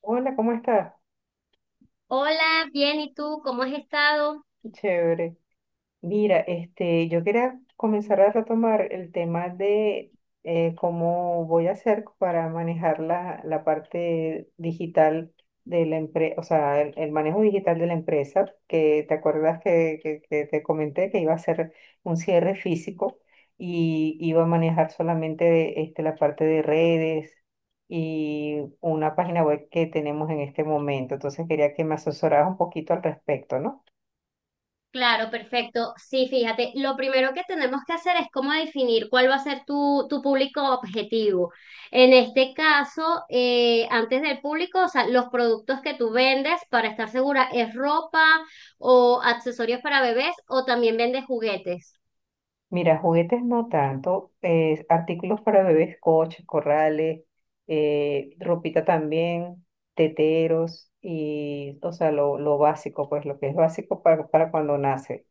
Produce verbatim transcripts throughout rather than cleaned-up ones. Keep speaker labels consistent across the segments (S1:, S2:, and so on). S1: Hola, ¿cómo estás?
S2: Hola, bien, ¿y tú cómo has estado?
S1: Chévere. Mira, este, yo quería comenzar a retomar el tema de eh, cómo voy a hacer para manejar la, la parte digital de la empresa, o sea, el, el manejo digital de la empresa, que te acuerdas que, que- que te comenté que iba a hacer un cierre físico y iba a manejar solamente este, la parte de redes y una página web que tenemos en este momento. Entonces quería que me asesoraras un poquito al respecto, ¿no?
S2: Claro, perfecto. Sí, fíjate, lo primero que tenemos que hacer es cómo definir cuál va a ser tu, tu público objetivo. En este caso, eh, antes del público, o sea, los productos que tú vendes, para estar segura, ¿es ropa o accesorios para bebés o también vendes juguetes?
S1: Mira, juguetes no tanto, eh, artículos para bebés, coches, corrales, eh, ropita también, teteros y, o sea, lo, lo básico, pues lo que es básico para, para cuando nace,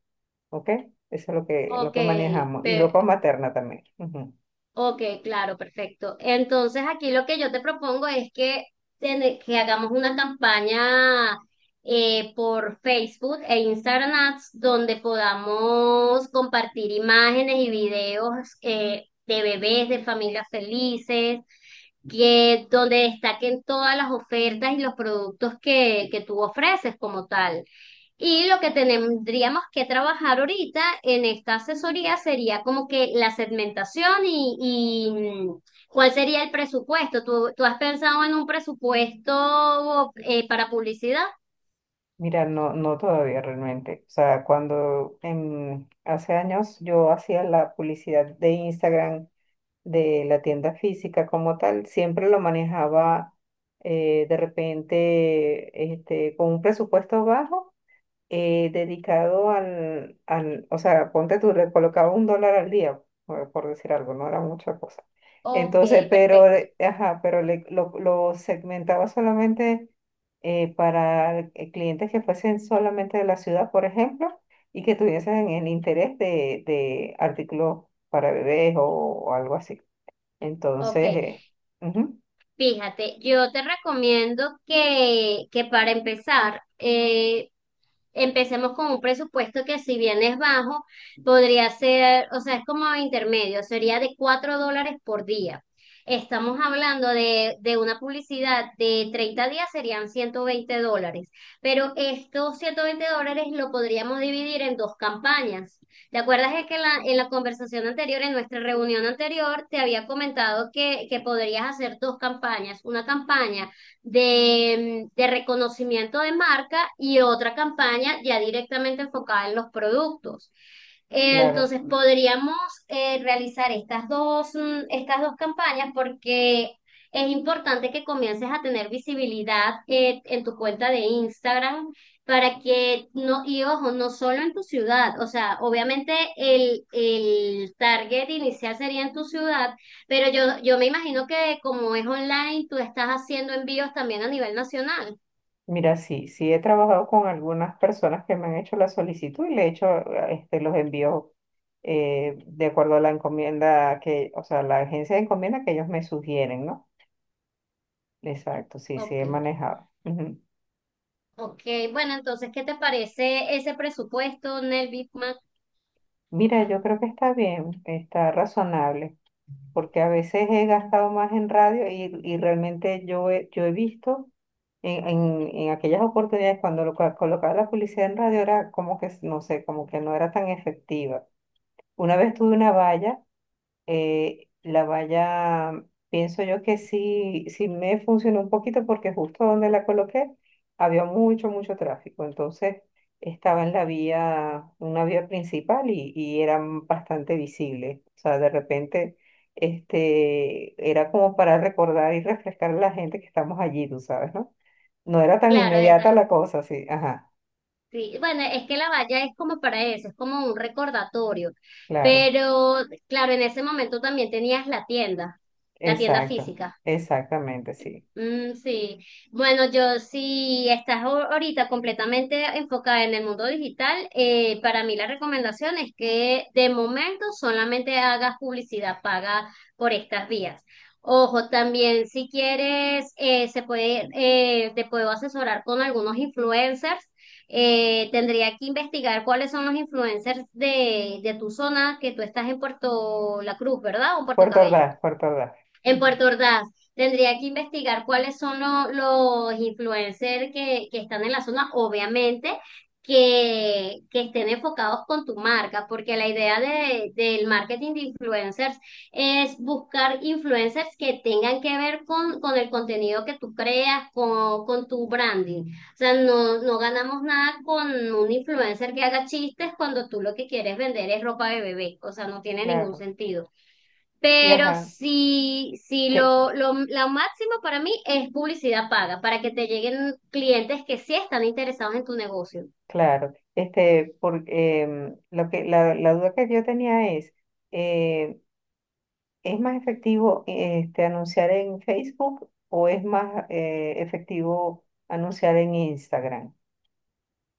S1: ¿ok? Eso es lo que, lo
S2: Ok,
S1: que manejamos. Y
S2: pe-
S1: ropa materna también. Ujú.
S2: ok, claro, perfecto. Entonces aquí lo que yo te propongo es que, ten- que hagamos una campaña eh, por Facebook e Instagram Ads donde podamos compartir imágenes y videos eh, de bebés, de familias felices, que donde destaquen todas las ofertas y los productos que, que tú ofreces como tal. Y lo que tendríamos que trabajar ahorita en esta asesoría sería como que la segmentación y, y, mm, cuál sería el presupuesto. ¿Tú, tú has pensado en un presupuesto eh, para publicidad?
S1: Mira, no, no todavía realmente. O sea, cuando en, hace años yo hacía la publicidad de Instagram de la tienda física como tal, siempre lo manejaba eh, de repente este, con un presupuesto bajo eh, dedicado al, al, o sea, ponte tú, le colocaba un dólar al día, por, por decir algo, no era mucha cosa.
S2: Ok,
S1: Entonces, pero,
S2: perfecto.
S1: eh, ajá, pero le- lo, lo segmentaba solamente eh, para eh, clientes que fuesen solamente de la ciudad, por ejemplo, y que tuviesen el interés de, de artículos para bebés o o algo así.
S2: Ok,
S1: Entonces, eh, ujú,
S2: fíjate, yo te recomiendo que, que para empezar, eh, empecemos con un presupuesto que si bien es bajo, podría ser, o sea, es como intermedio, sería de cuatro dólares por día. Estamos hablando de, de una publicidad de treinta días, serían ciento veinte dólares, pero estos ciento veinte dólares lo podríamos dividir en dos campañas. ¿Te acuerdas de que en la, en la conversación anterior, en nuestra reunión anterior, te había comentado que, que podrías hacer dos campañas? Una campaña de, de reconocimiento de marca y otra campaña ya directamente enfocada en los productos. Eh,
S1: claro.
S2: Entonces podríamos eh, realizar estas dos, mm, estas dos campañas porque es importante que comiences a tener visibilidad eh, en tu cuenta de Instagram para que no, y ojo, no solo en tu ciudad, o sea, obviamente el, el target inicial sería en tu ciudad, pero yo, yo me imagino que como es online, tú estás haciendo envíos también a nivel nacional.
S1: Mira, sí, sí he trabajado con algunas personas que me han hecho la solicitud y le he hecho eh, este, los envíos eh, de acuerdo a la encomienda que, o sea, la agencia de encomienda que ellos me sugieren, ¿no? Exacto, sí, sí
S2: Ok.
S1: he manejado. Ujú.
S2: Ok, bueno, entonces, ¿qué te parece ese presupuesto, Nel Bitman?
S1: Mira, yo creo que está bien, está razonable, porque a veces he gastado más en radio y, y realmente yo he, yo he visto. En, en, en aquellas oportunidades, cuando lo cua- colocaba la publicidad en radio, era como que, no sé, como que no era tan efectiva. Una vez tuve una valla, eh, la valla, pienso yo que sí, sí me funcionó un poquito porque justo donde la coloqué había mucho, mucho tráfico. Entonces estaba en la vía, una vía principal y, y era bastante visible. O sea, de repente, este, era como para recordar y refrescar a la gente que estamos allí, tú sabes, ¿no? No era tan
S2: Claro, es,
S1: inmediata la cosa, sí. Ajá,
S2: sí, bueno, es que la valla es como para eso, es como un recordatorio.
S1: claro.
S2: Pero, claro, en ese momento también tenías la tienda, la tienda
S1: Exacto.
S2: física.
S1: Exactamente, sí.
S2: Mm, sí, bueno, yo sí estás ahor- ahorita completamente enfocada en el mundo digital, eh, para mí la recomendación es que de momento solamente hagas publicidad paga por estas vías. Ojo, también si quieres, eh, se puede, eh, te puedo asesorar con algunos influencers. Eh, tendría que investigar cuáles son los influencers de, de tu zona, que tú estás en Puerto La Cruz, ¿verdad? O en Puerto
S1: Por
S2: Cabello.
S1: tardar, por tardar.
S2: En
S1: Ujú.
S2: Puerto Ordaz, tendría que investigar cuáles son lo- los influencers que, que están en la zona, obviamente, que, que estén enfocados con tu marca, porque la idea de, del marketing de influencers es buscar influencers que tengan que ver con, con el contenido que tú creas, con, con tu branding. O sea, no, no ganamos nada con un influencer que haga chistes cuando tú lo que quieres vender es ropa de bebé, o sea, no tiene ningún
S1: Claro.
S2: sentido.
S1: Y
S2: Pero
S1: ajá,
S2: si, si
S1: te-
S2: lo, lo, lo máximo para mí es publicidad paga, para que te lleguen clientes que sí están interesados en tu negocio.
S1: claro. Este, porque em, lo que, la, la duda que yo tenía es, eh, ¿es más efectivo este, anunciar en Facebook o es más eh, efectivo anunciar en Instagram?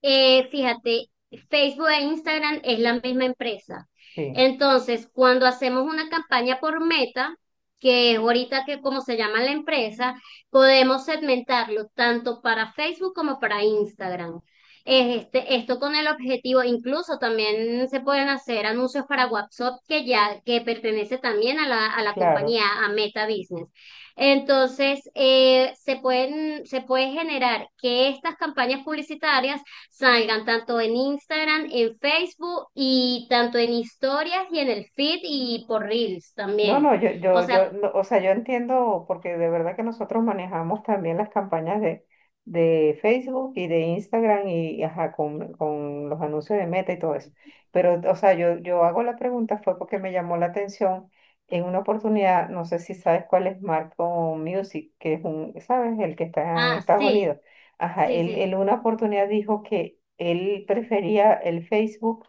S2: Eh, fíjate, Facebook e Instagram es la misma empresa.
S1: Sí,
S2: Entonces, cuando hacemos una campaña por meta, que es ahorita que como se llama la empresa, podemos segmentarlo tanto para Facebook como para Instagram. Eh, Este, esto con el objetivo, incluso también se pueden hacer anuncios para WhatsApp que ya que pertenece también a la, a la
S1: claro.
S2: compañía, a Meta Business. Entonces, eh, se pueden, se puede generar que estas campañas publicitarias salgan tanto en Instagram, en Facebook y tanto en historias y en el feed y por Reels
S1: No, no,
S2: también.
S1: yo,
S2: O
S1: yo,
S2: sea,
S1: yo, no, o sea, yo entiendo porque de verdad que nosotros manejamos también las campañas de, de Facebook y de Instagram y, y ajá, con, con los anuncios de Meta y todo eso. Pero, o sea, yo, yo hago la pregunta fue porque me llamó la atención en una oportunidad, no sé si sabes cuál es Marco Music, que es un, ¿sabes? El que está en
S2: ah,
S1: Estados
S2: sí,
S1: Unidos. Ajá,
S2: sí,
S1: él él en
S2: sí.
S1: una oportunidad dijo que él prefería el Facebook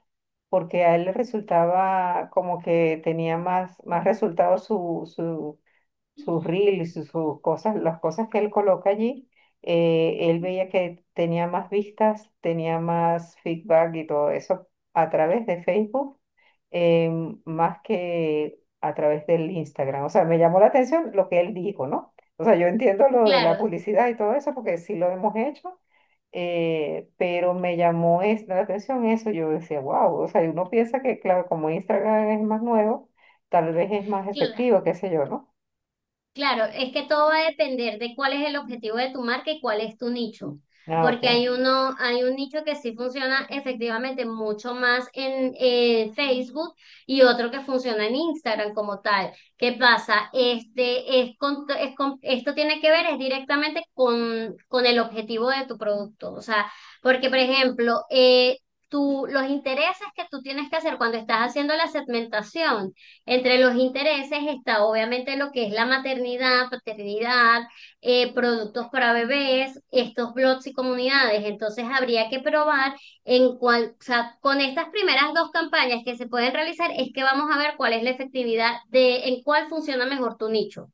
S1: porque a él le resultaba como que tenía más, más resultados su, su, sus reels, sus, sus cosas, las cosas que él coloca allí. eh, él veía que tenía más vistas, tenía más feedback y todo eso a través de Facebook em, más que a través del Instagram. O sea, me llamó la atención lo que él dijo, ¿no? O sea, yo entiendo lo de la
S2: Claro,
S1: publicidad y todo eso porque sí lo hemos hecho, eh, pero me llamó es- la atención eso. Yo decía, wow, o sea, y uno piensa que, claro, como Instagram es más nuevo, tal vez es más
S2: claro.
S1: efectivo, qué sé yo, ¿no?
S2: Claro, es que todo va a depender de cuál es el objetivo de tu marca y cuál es tu nicho,
S1: Ah,
S2: porque
S1: ok,
S2: hay uno, hay un nicho que sí funciona efectivamente mucho más en eh, Facebook y otro que funciona en Instagram como tal. ¿Qué pasa? Este es con- es con- esto tiene que ver es directamente con, con el objetivo de tu producto, o sea, porque por ejemplo, eh, tú- los intereses que tú tienes que hacer cuando estás haciendo la segmentación. Entre los intereses está obviamente lo que es la maternidad, paternidad, eh, productos para bebés, estos blogs y comunidades. Entonces habría que probar en cuál, o sea, con estas primeras dos campañas que se pueden realizar es que vamos a ver cuál es la efectividad de en cuál funciona mejor tu nicho.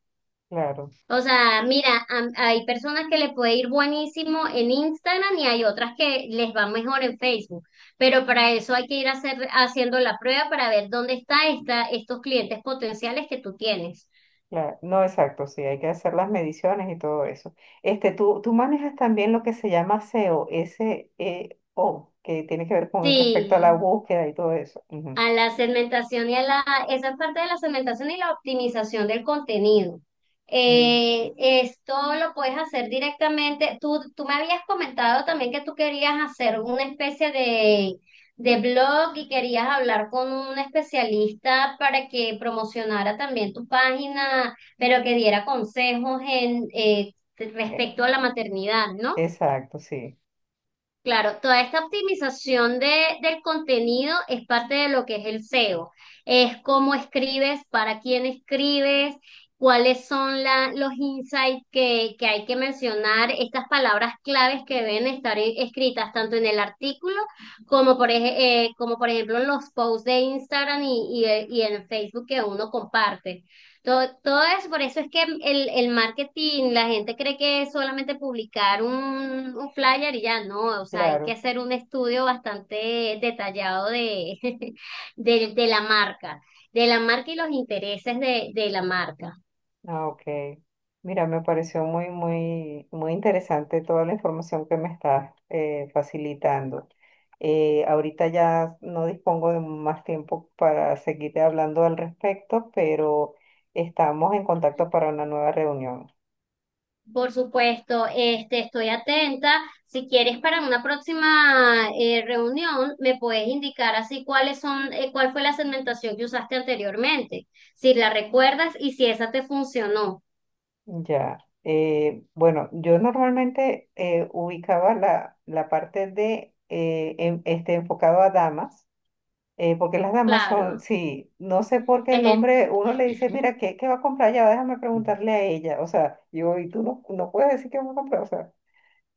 S1: claro.
S2: O sea, mira, am- hay personas que les puede ir buenísimo en Instagram y hay otras que les va mejor en Facebook, pero para eso hay que ir a hacer, haciendo la prueba para ver dónde está, esta, estos clientes potenciales que tú tienes.
S1: Claro, no, exacto, sí, hay que hacer las mediciones y todo eso. Este, tú, tú, manejas también lo que se llama SEO, S E O, que tiene que ver con respecto a la
S2: Sí.
S1: búsqueda y todo eso. Ujú,
S2: A la segmentación y a la, esa es parte de la segmentación y la optimización del contenido.
S1: mm,
S2: Eh, esto lo puedes hacer directamente. Tú, tú me habías comentado también que tú querías hacer una especie de, de blog y querías hablar con un especialista para que promocionara también tu página, pero que diera consejos en, eh,
S1: e-
S2: respecto a la maternidad, ¿no?
S1: exacto, sí,
S2: Claro, toda esta optimización de, del contenido es parte de lo que es el S E O. Es cómo escribes, para quién escribes, cuáles son la- los insights que, que hay que mencionar, estas palabras claves que deben estar e- escritas tanto en el artículo como por, ej- eh, como por ejemplo en los posts de Instagram y, y eh, y en Facebook que uno comparte. Todo, todo eso, por eso es que el, el marketing, la gente cree que es solamente publicar un, un flyer y ya no, o sea, hay que
S1: claro.
S2: hacer un estudio bastante detallado de, de, de la marca, de la marca y los intereses de, de la marca.
S1: Ah, ok. Mira, me pareció muy, muy, muy interesante toda la información que me estás eh, facilitando. Eh, ahorita ya no dispongo de más tiempo para seguirte hablando al respecto, pero estamos en contacto para una nueva reunión.
S2: Por supuesto, este, estoy atenta. Si quieres para una próxima eh, reunión, me puedes indicar así cuáles son, eh, cuál fue la segmentación que usaste anteriormente, si la recuerdas y si esa te funcionó.
S1: Ya. Eh, bueno, yo normalmente eh, ubicaba la, la parte de eh, en- este, enfocado a damas. Eh, porque las damas son,
S2: Claro.
S1: sí, no sé por qué
S2: Es
S1: el
S2: el,
S1: hombre, uno le dice, mira, ¿qué, qué va a comprar ya? Déjame preguntarle a ella. O sea, yo, y tú no, no puedes decir qué va a comprar. O sea,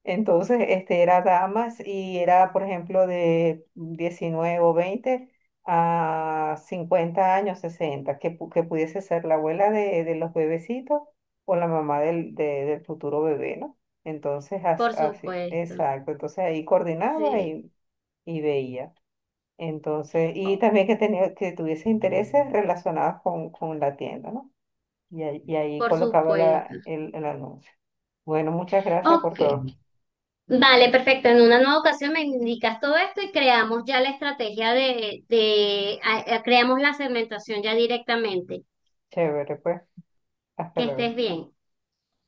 S1: entonces, este, era damas y era, por ejemplo, de diecinueve o veinte a cincuenta años, sesenta que, pu- que pudiese ser la abuela de, de los bebecitos o la mamá del, de- del futuro bebé, ¿no? Entonces, as-
S2: por
S1: así,
S2: supuesto,
S1: exacto. Entonces ahí coordinaba
S2: sí,
S1: y, y veía. Entonces, y
S2: o-
S1: también que, tenía, que tuviese intereses relacionados con, con la tienda, ¿no? Y ahí, y ahí
S2: por
S1: colocaba
S2: supuesto.
S1: la, el, el anuncio. Bueno, muchas gracias por
S2: Ok,
S1: todo.
S2: vale, perfecto. En una nueva ocasión me indicas todo esto y creamos ya la estrategia de, de, a- a- creamos la segmentación ya directamente.
S1: Chévere, pues.
S2: Que
S1: Hasta luego.
S2: estés bien.